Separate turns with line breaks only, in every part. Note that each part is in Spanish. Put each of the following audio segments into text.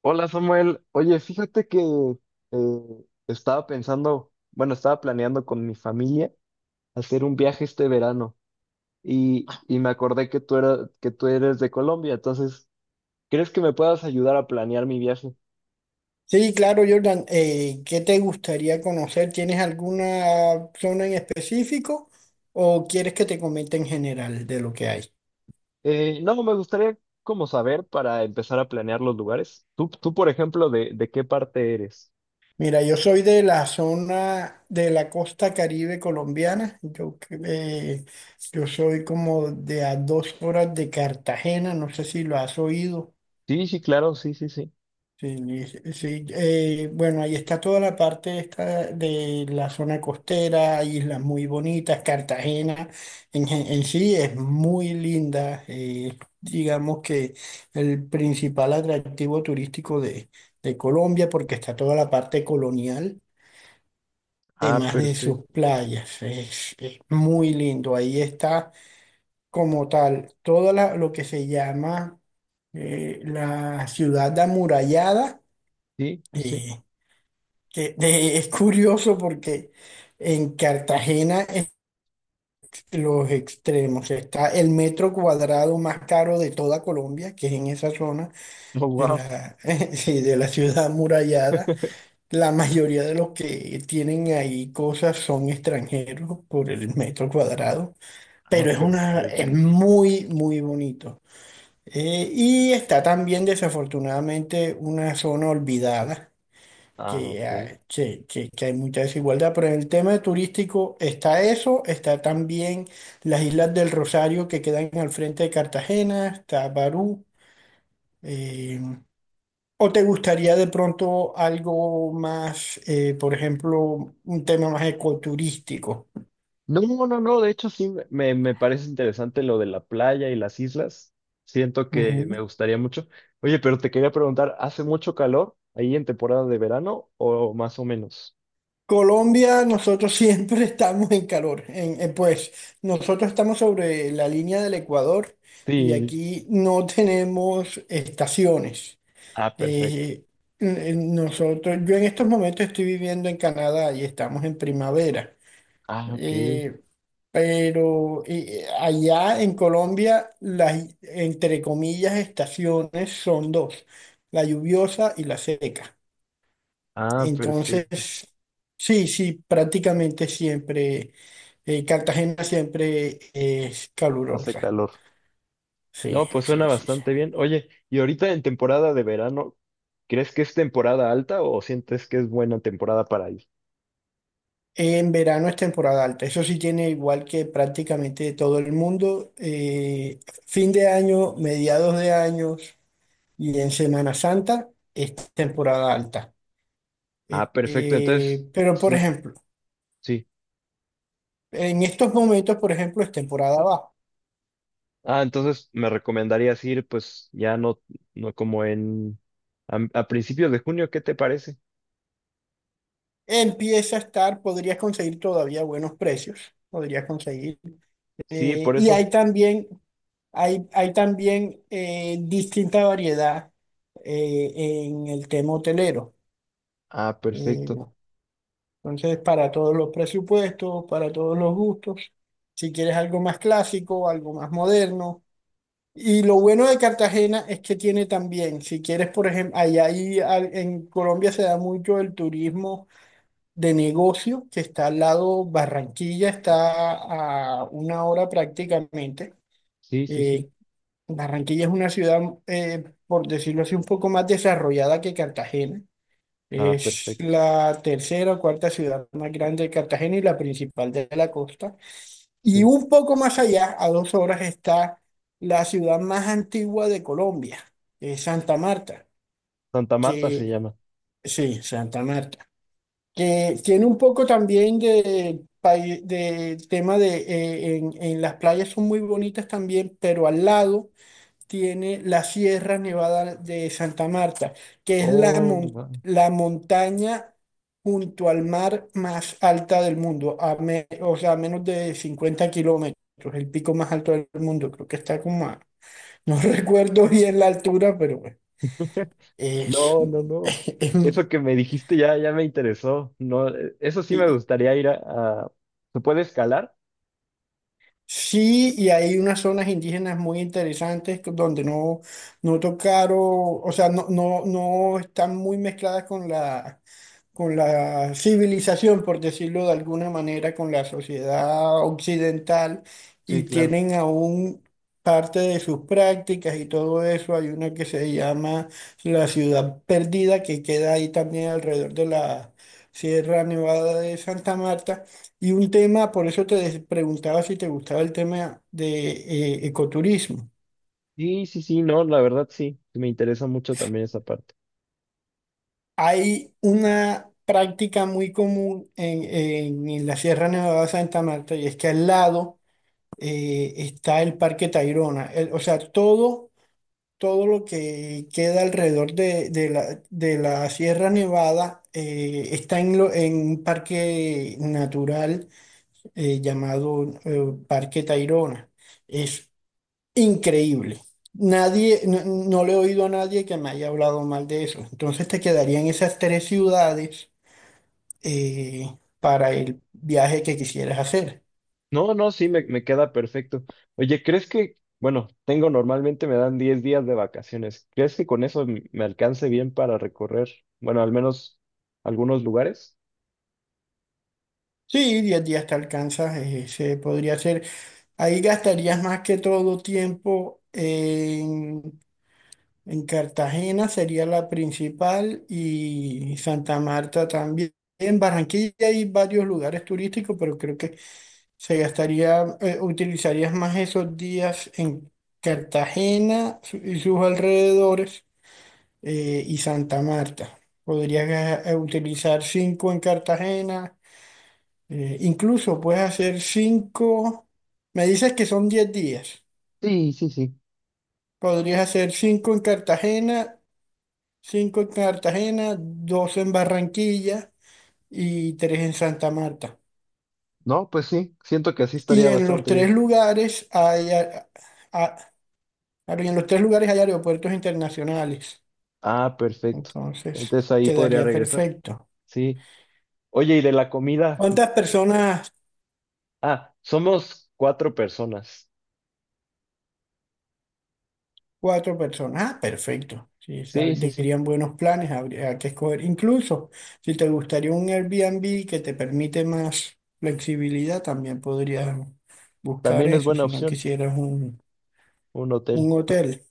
Hola Samuel, oye, fíjate que estaba pensando, bueno, estaba planeando con mi familia hacer un viaje este verano y me acordé que que tú eres de Colombia, entonces, ¿crees que me puedas ayudar a planear mi viaje?
Sí, claro, Jordan. ¿Qué te gustaría conocer? ¿Tienes alguna zona en específico o quieres que te comente en general de lo que hay?
No, me gustaría como saber para empezar a planear los lugares. Tú, por ejemplo, ¿de qué parte eres?
Mira, yo soy de la zona de la costa Caribe colombiana. Yo soy como de a 2 horas de Cartagena. No sé si lo has oído.
Sí, sí, claro, sí, sí, sí.
Sí, sí, sí. Bueno, ahí está toda la parte esta de la zona costera, hay islas muy bonitas, Cartagena en sí es muy linda, digamos que el principal atractivo turístico de Colombia porque está toda la parte colonial,
Ah,
además de
perfecto.
sus playas, es muy lindo, ahí está como tal, todo lo que se llama la ciudad amurallada.
Sí, sí, sí.
eh, es curioso porque en Cartagena es los extremos. Está el metro cuadrado más caro de toda Colombia, que es en esa zona
Oh,
de
wow.
la, sí, de la ciudad amurallada. La mayoría de los que tienen ahí cosas son extranjeros por el metro cuadrado,
Ah,
pero es
perfecto.
muy, muy bonito. Y está también desafortunadamente una zona olvidada
Ah, ok.
que hay mucha desigualdad, pero en el tema turístico está eso, está también las Islas del Rosario que quedan al frente de Cartagena, está Barú. eh, ¿O te gustaría de pronto algo más, por ejemplo, un tema más ecoturístico?
No, no, no, de hecho sí, me parece interesante lo de la playa y las islas. Siento que me
Ujú.
gustaría mucho. Oye, pero te quería preguntar, ¿hace mucho calor ahí en temporada de verano o más o menos?
Colombia, nosotros siempre estamos en calor. Pues nosotros estamos sobre la línea del Ecuador y
Sí.
aquí no tenemos estaciones.
Ah, perfecto.
Eh, Nosotros, yo en estos momentos estoy viviendo en Canadá y estamos en primavera.
Ah, ok.
Eh, pero allá en Colombia, las, entre comillas, estaciones son dos, la lluviosa y la seca.
Ah, perfecto.
Entonces, sí, sí, prácticamente siempre, Cartagena siempre es
Hace
calurosa.
calor.
Sí,
No, pues suena
sí, sí, sí.
bastante bien. Oye, y ahorita en temporada de verano, ¿crees que es temporada alta o sientes que es buena temporada para ir?
En verano es temporada alta, eso sí tiene igual que prácticamente todo el mundo. Fin de año, mediados de años y en Semana Santa es temporada alta.
Ah, perfecto. Entonces,
Pero por
mm,
ejemplo,
sí.
en estos momentos, por ejemplo, es temporada baja.
Ah, entonces me recomendarías ir, pues ya no, no como en a principios de junio, ¿qué te parece?
Empieza a estar, podrías conseguir todavía buenos precios, podrías conseguir.
Sí, por
Y
eso.
hay también, hay también distinta variedad en el tema hotelero.
Ah,
Eh,
perfecto.
Entonces, para todos los presupuestos, para todos los gustos, si quieres algo más clásico, algo más moderno. Y lo bueno de Cartagena es que tiene también, si quieres, por ejemplo, en Colombia se da mucho el turismo de negocio, que está al lado, Barranquilla está a una hora prácticamente.
Sí, sí, sí.
Eh, Barranquilla es una ciudad, por decirlo así, un poco más desarrollada que Cartagena.
Ah,
Es
perfecto.
la tercera o cuarta ciudad más grande de Cartagena y la principal de la costa. Y
Sí.
un poco más allá, a 2 horas, está la ciudad más antigua de Colombia, que es Santa Marta,
Santa Marta se
que
llama.
sí, Santa Marta, que tiene un poco también de tema en las playas son muy bonitas también, pero al lado tiene la Sierra Nevada de Santa Marta, que es la,
Oh, wow.
la montaña junto al mar más alta del mundo, o sea, a menos de 50 kilómetros, el pico más alto del mundo, creo que está como a, no recuerdo bien la altura, pero bueno, es,
No, no, no.
es-
Eso que me dijiste ya, ya me interesó. No, eso sí me
y-
gustaría ir a- ¿Se puede escalar?
sí, y hay unas zonas indígenas muy interesantes donde no, no tocaron, o sea, no, no, no están muy mezcladas con la civilización, por decirlo de alguna manera, con la sociedad occidental
Sí,
y
claro.
tienen aún parte de sus prácticas y todo eso. Hay una que se llama la ciudad perdida que queda ahí también alrededor de la Sierra Nevada de Santa Marta. Y un tema, por eso preguntaba si te gustaba el tema de ecoturismo.
Sí, sí, sí, no, la verdad sí. Me interesa mucho también esa parte.
Hay una práctica muy común en la Sierra Nevada de Santa Marta y es que al lado está el Parque Tayrona. O sea, todo, todo lo que queda alrededor de la Sierra Nevada está en, en un parque natural llamado Parque Tayrona. Es increíble. Nadie, no, no le he oído a nadie que me haya hablado mal de eso. Entonces te quedarían esas tres ciudades para el viaje que quisieras hacer.
No, no, sí, me queda perfecto. Oye, ¿crees que, bueno, tengo normalmente me dan 10 días de vacaciones? ¿Crees que con eso m- me alcance bien para recorrer, bueno, al menos algunos lugares?
Sí, 10 días te alcanzas, se podría hacer. Ahí gastarías más que todo tiempo en Cartagena, sería la principal, y Santa Marta también. En Barranquilla hay varios lugares turísticos, pero creo que se gastaría, utilizarías más esos días en Cartagena y sus alrededores y Santa Marta. Podrías utilizar cinco en Cartagena. Incluso puedes hacer cinco. Me dices que son 10 días.
Sí, sí, sí.
Podrías hacer cinco en Cartagena, dos en Barranquilla y tres en Santa Marta.
No, pues sí, siento que así
Y
estaría
en los
bastante
tres
bien.
lugares hay, a- en los tres lugares hay aeropuertos internacionales.
Ah, perfecto.
Entonces,
Entonces ahí podría
quedaría
regresar.
perfecto.
Sí. Oye, ¿y de la comida?
¿Cuántas personas?
Ah, somos 4 personas.
Cuatro personas. Ah, perfecto. Sí,
Sí, sí, sí.
dirían buenos planes, habría que escoger. Incluso si te gustaría un Airbnb que te permite más flexibilidad, también podrías buscar
También es
eso
buena
si no
opción
quisieras
un hotel.
un hotel.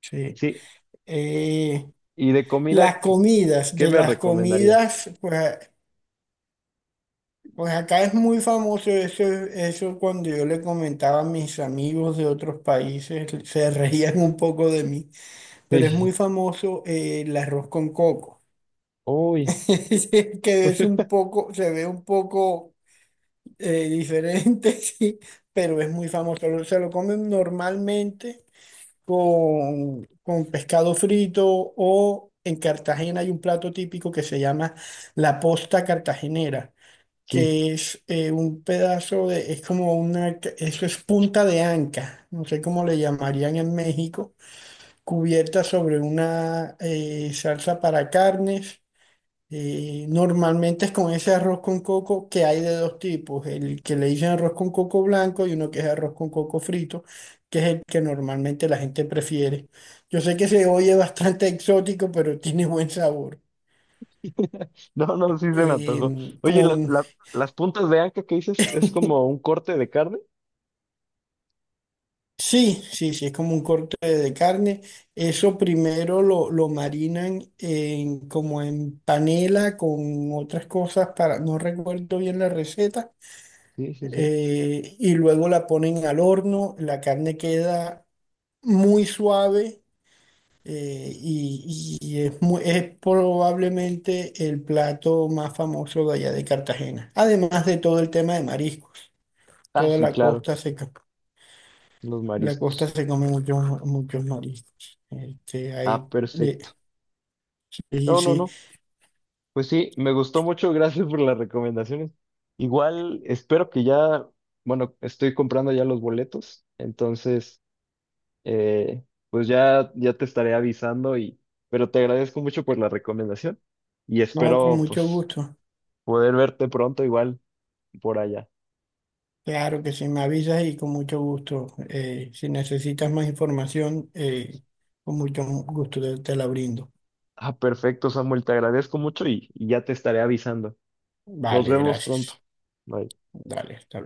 Sí.
Sí.
Eh,
¿Y de
las
comida, qué,
comidas,
qué
de
me
las
recomendarías?
comidas, pues acá es muy famoso eso, eso cuando yo le comentaba a mis amigos de otros países, se reían un poco de mí, pero es muy
Sí.
famoso el arroz con coco.
Uy,
Sí, que es un poco, se ve un poco diferente, sí, pero es muy famoso. Se lo comen normalmente con pescado frito o en Cartagena hay un plato típico que se llama la posta cartagenera,
sí.
que es un pedazo de, es como una, eso es punta de anca, no sé cómo le llamarían en México, cubierta sobre una salsa para carnes normalmente es con ese arroz con coco que hay de dos tipos, el que le dicen arroz con coco blanco y uno que es arroz con coco frito, que es el que normalmente la gente prefiere. Yo sé que se oye bastante exótico, pero tiene buen sabor.
No, no, sí se me antojó.
Eh,
Oye,
con,
las puntas de anca que dices es como un corte de carne.
sí, sí, sí, es como un corte de carne. Eso primero lo marinan en, como en panela con otras cosas para, no recuerdo bien la receta
Sí, sí, sí.
y luego la ponen al horno, la carne queda muy suave y es, es probablemente el plato más famoso de allá de Cartagena, además de todo el tema de mariscos,
Ah,
toda
sí,
la
claro,
costa se,
los
la costa
mariscos.
se come muchos, muchos mariscos. Este,
Ah,
hay, eh,
perfecto.
sí, sí,
No, no,
sí.
no. Pues sí, me gustó mucho. Gracias por las recomendaciones. Igual espero que ya, bueno, estoy comprando ya los boletos. Entonces, eh, pues ya, ya te estaré avisando y, pero te agradezco mucho por la recomendación y
No, con
espero,
mucho
pues,
gusto.
poder verte pronto igual, por allá.
Claro que sí, me avisas y con mucho gusto. Si necesitas más información, con mucho gusto te, te la brindo.
Ah, perfecto, Samuel, te agradezco mucho y ya te estaré avisando. Nos
Vale,
vemos pronto.
gracias.
Bye.
Dale, hasta luego.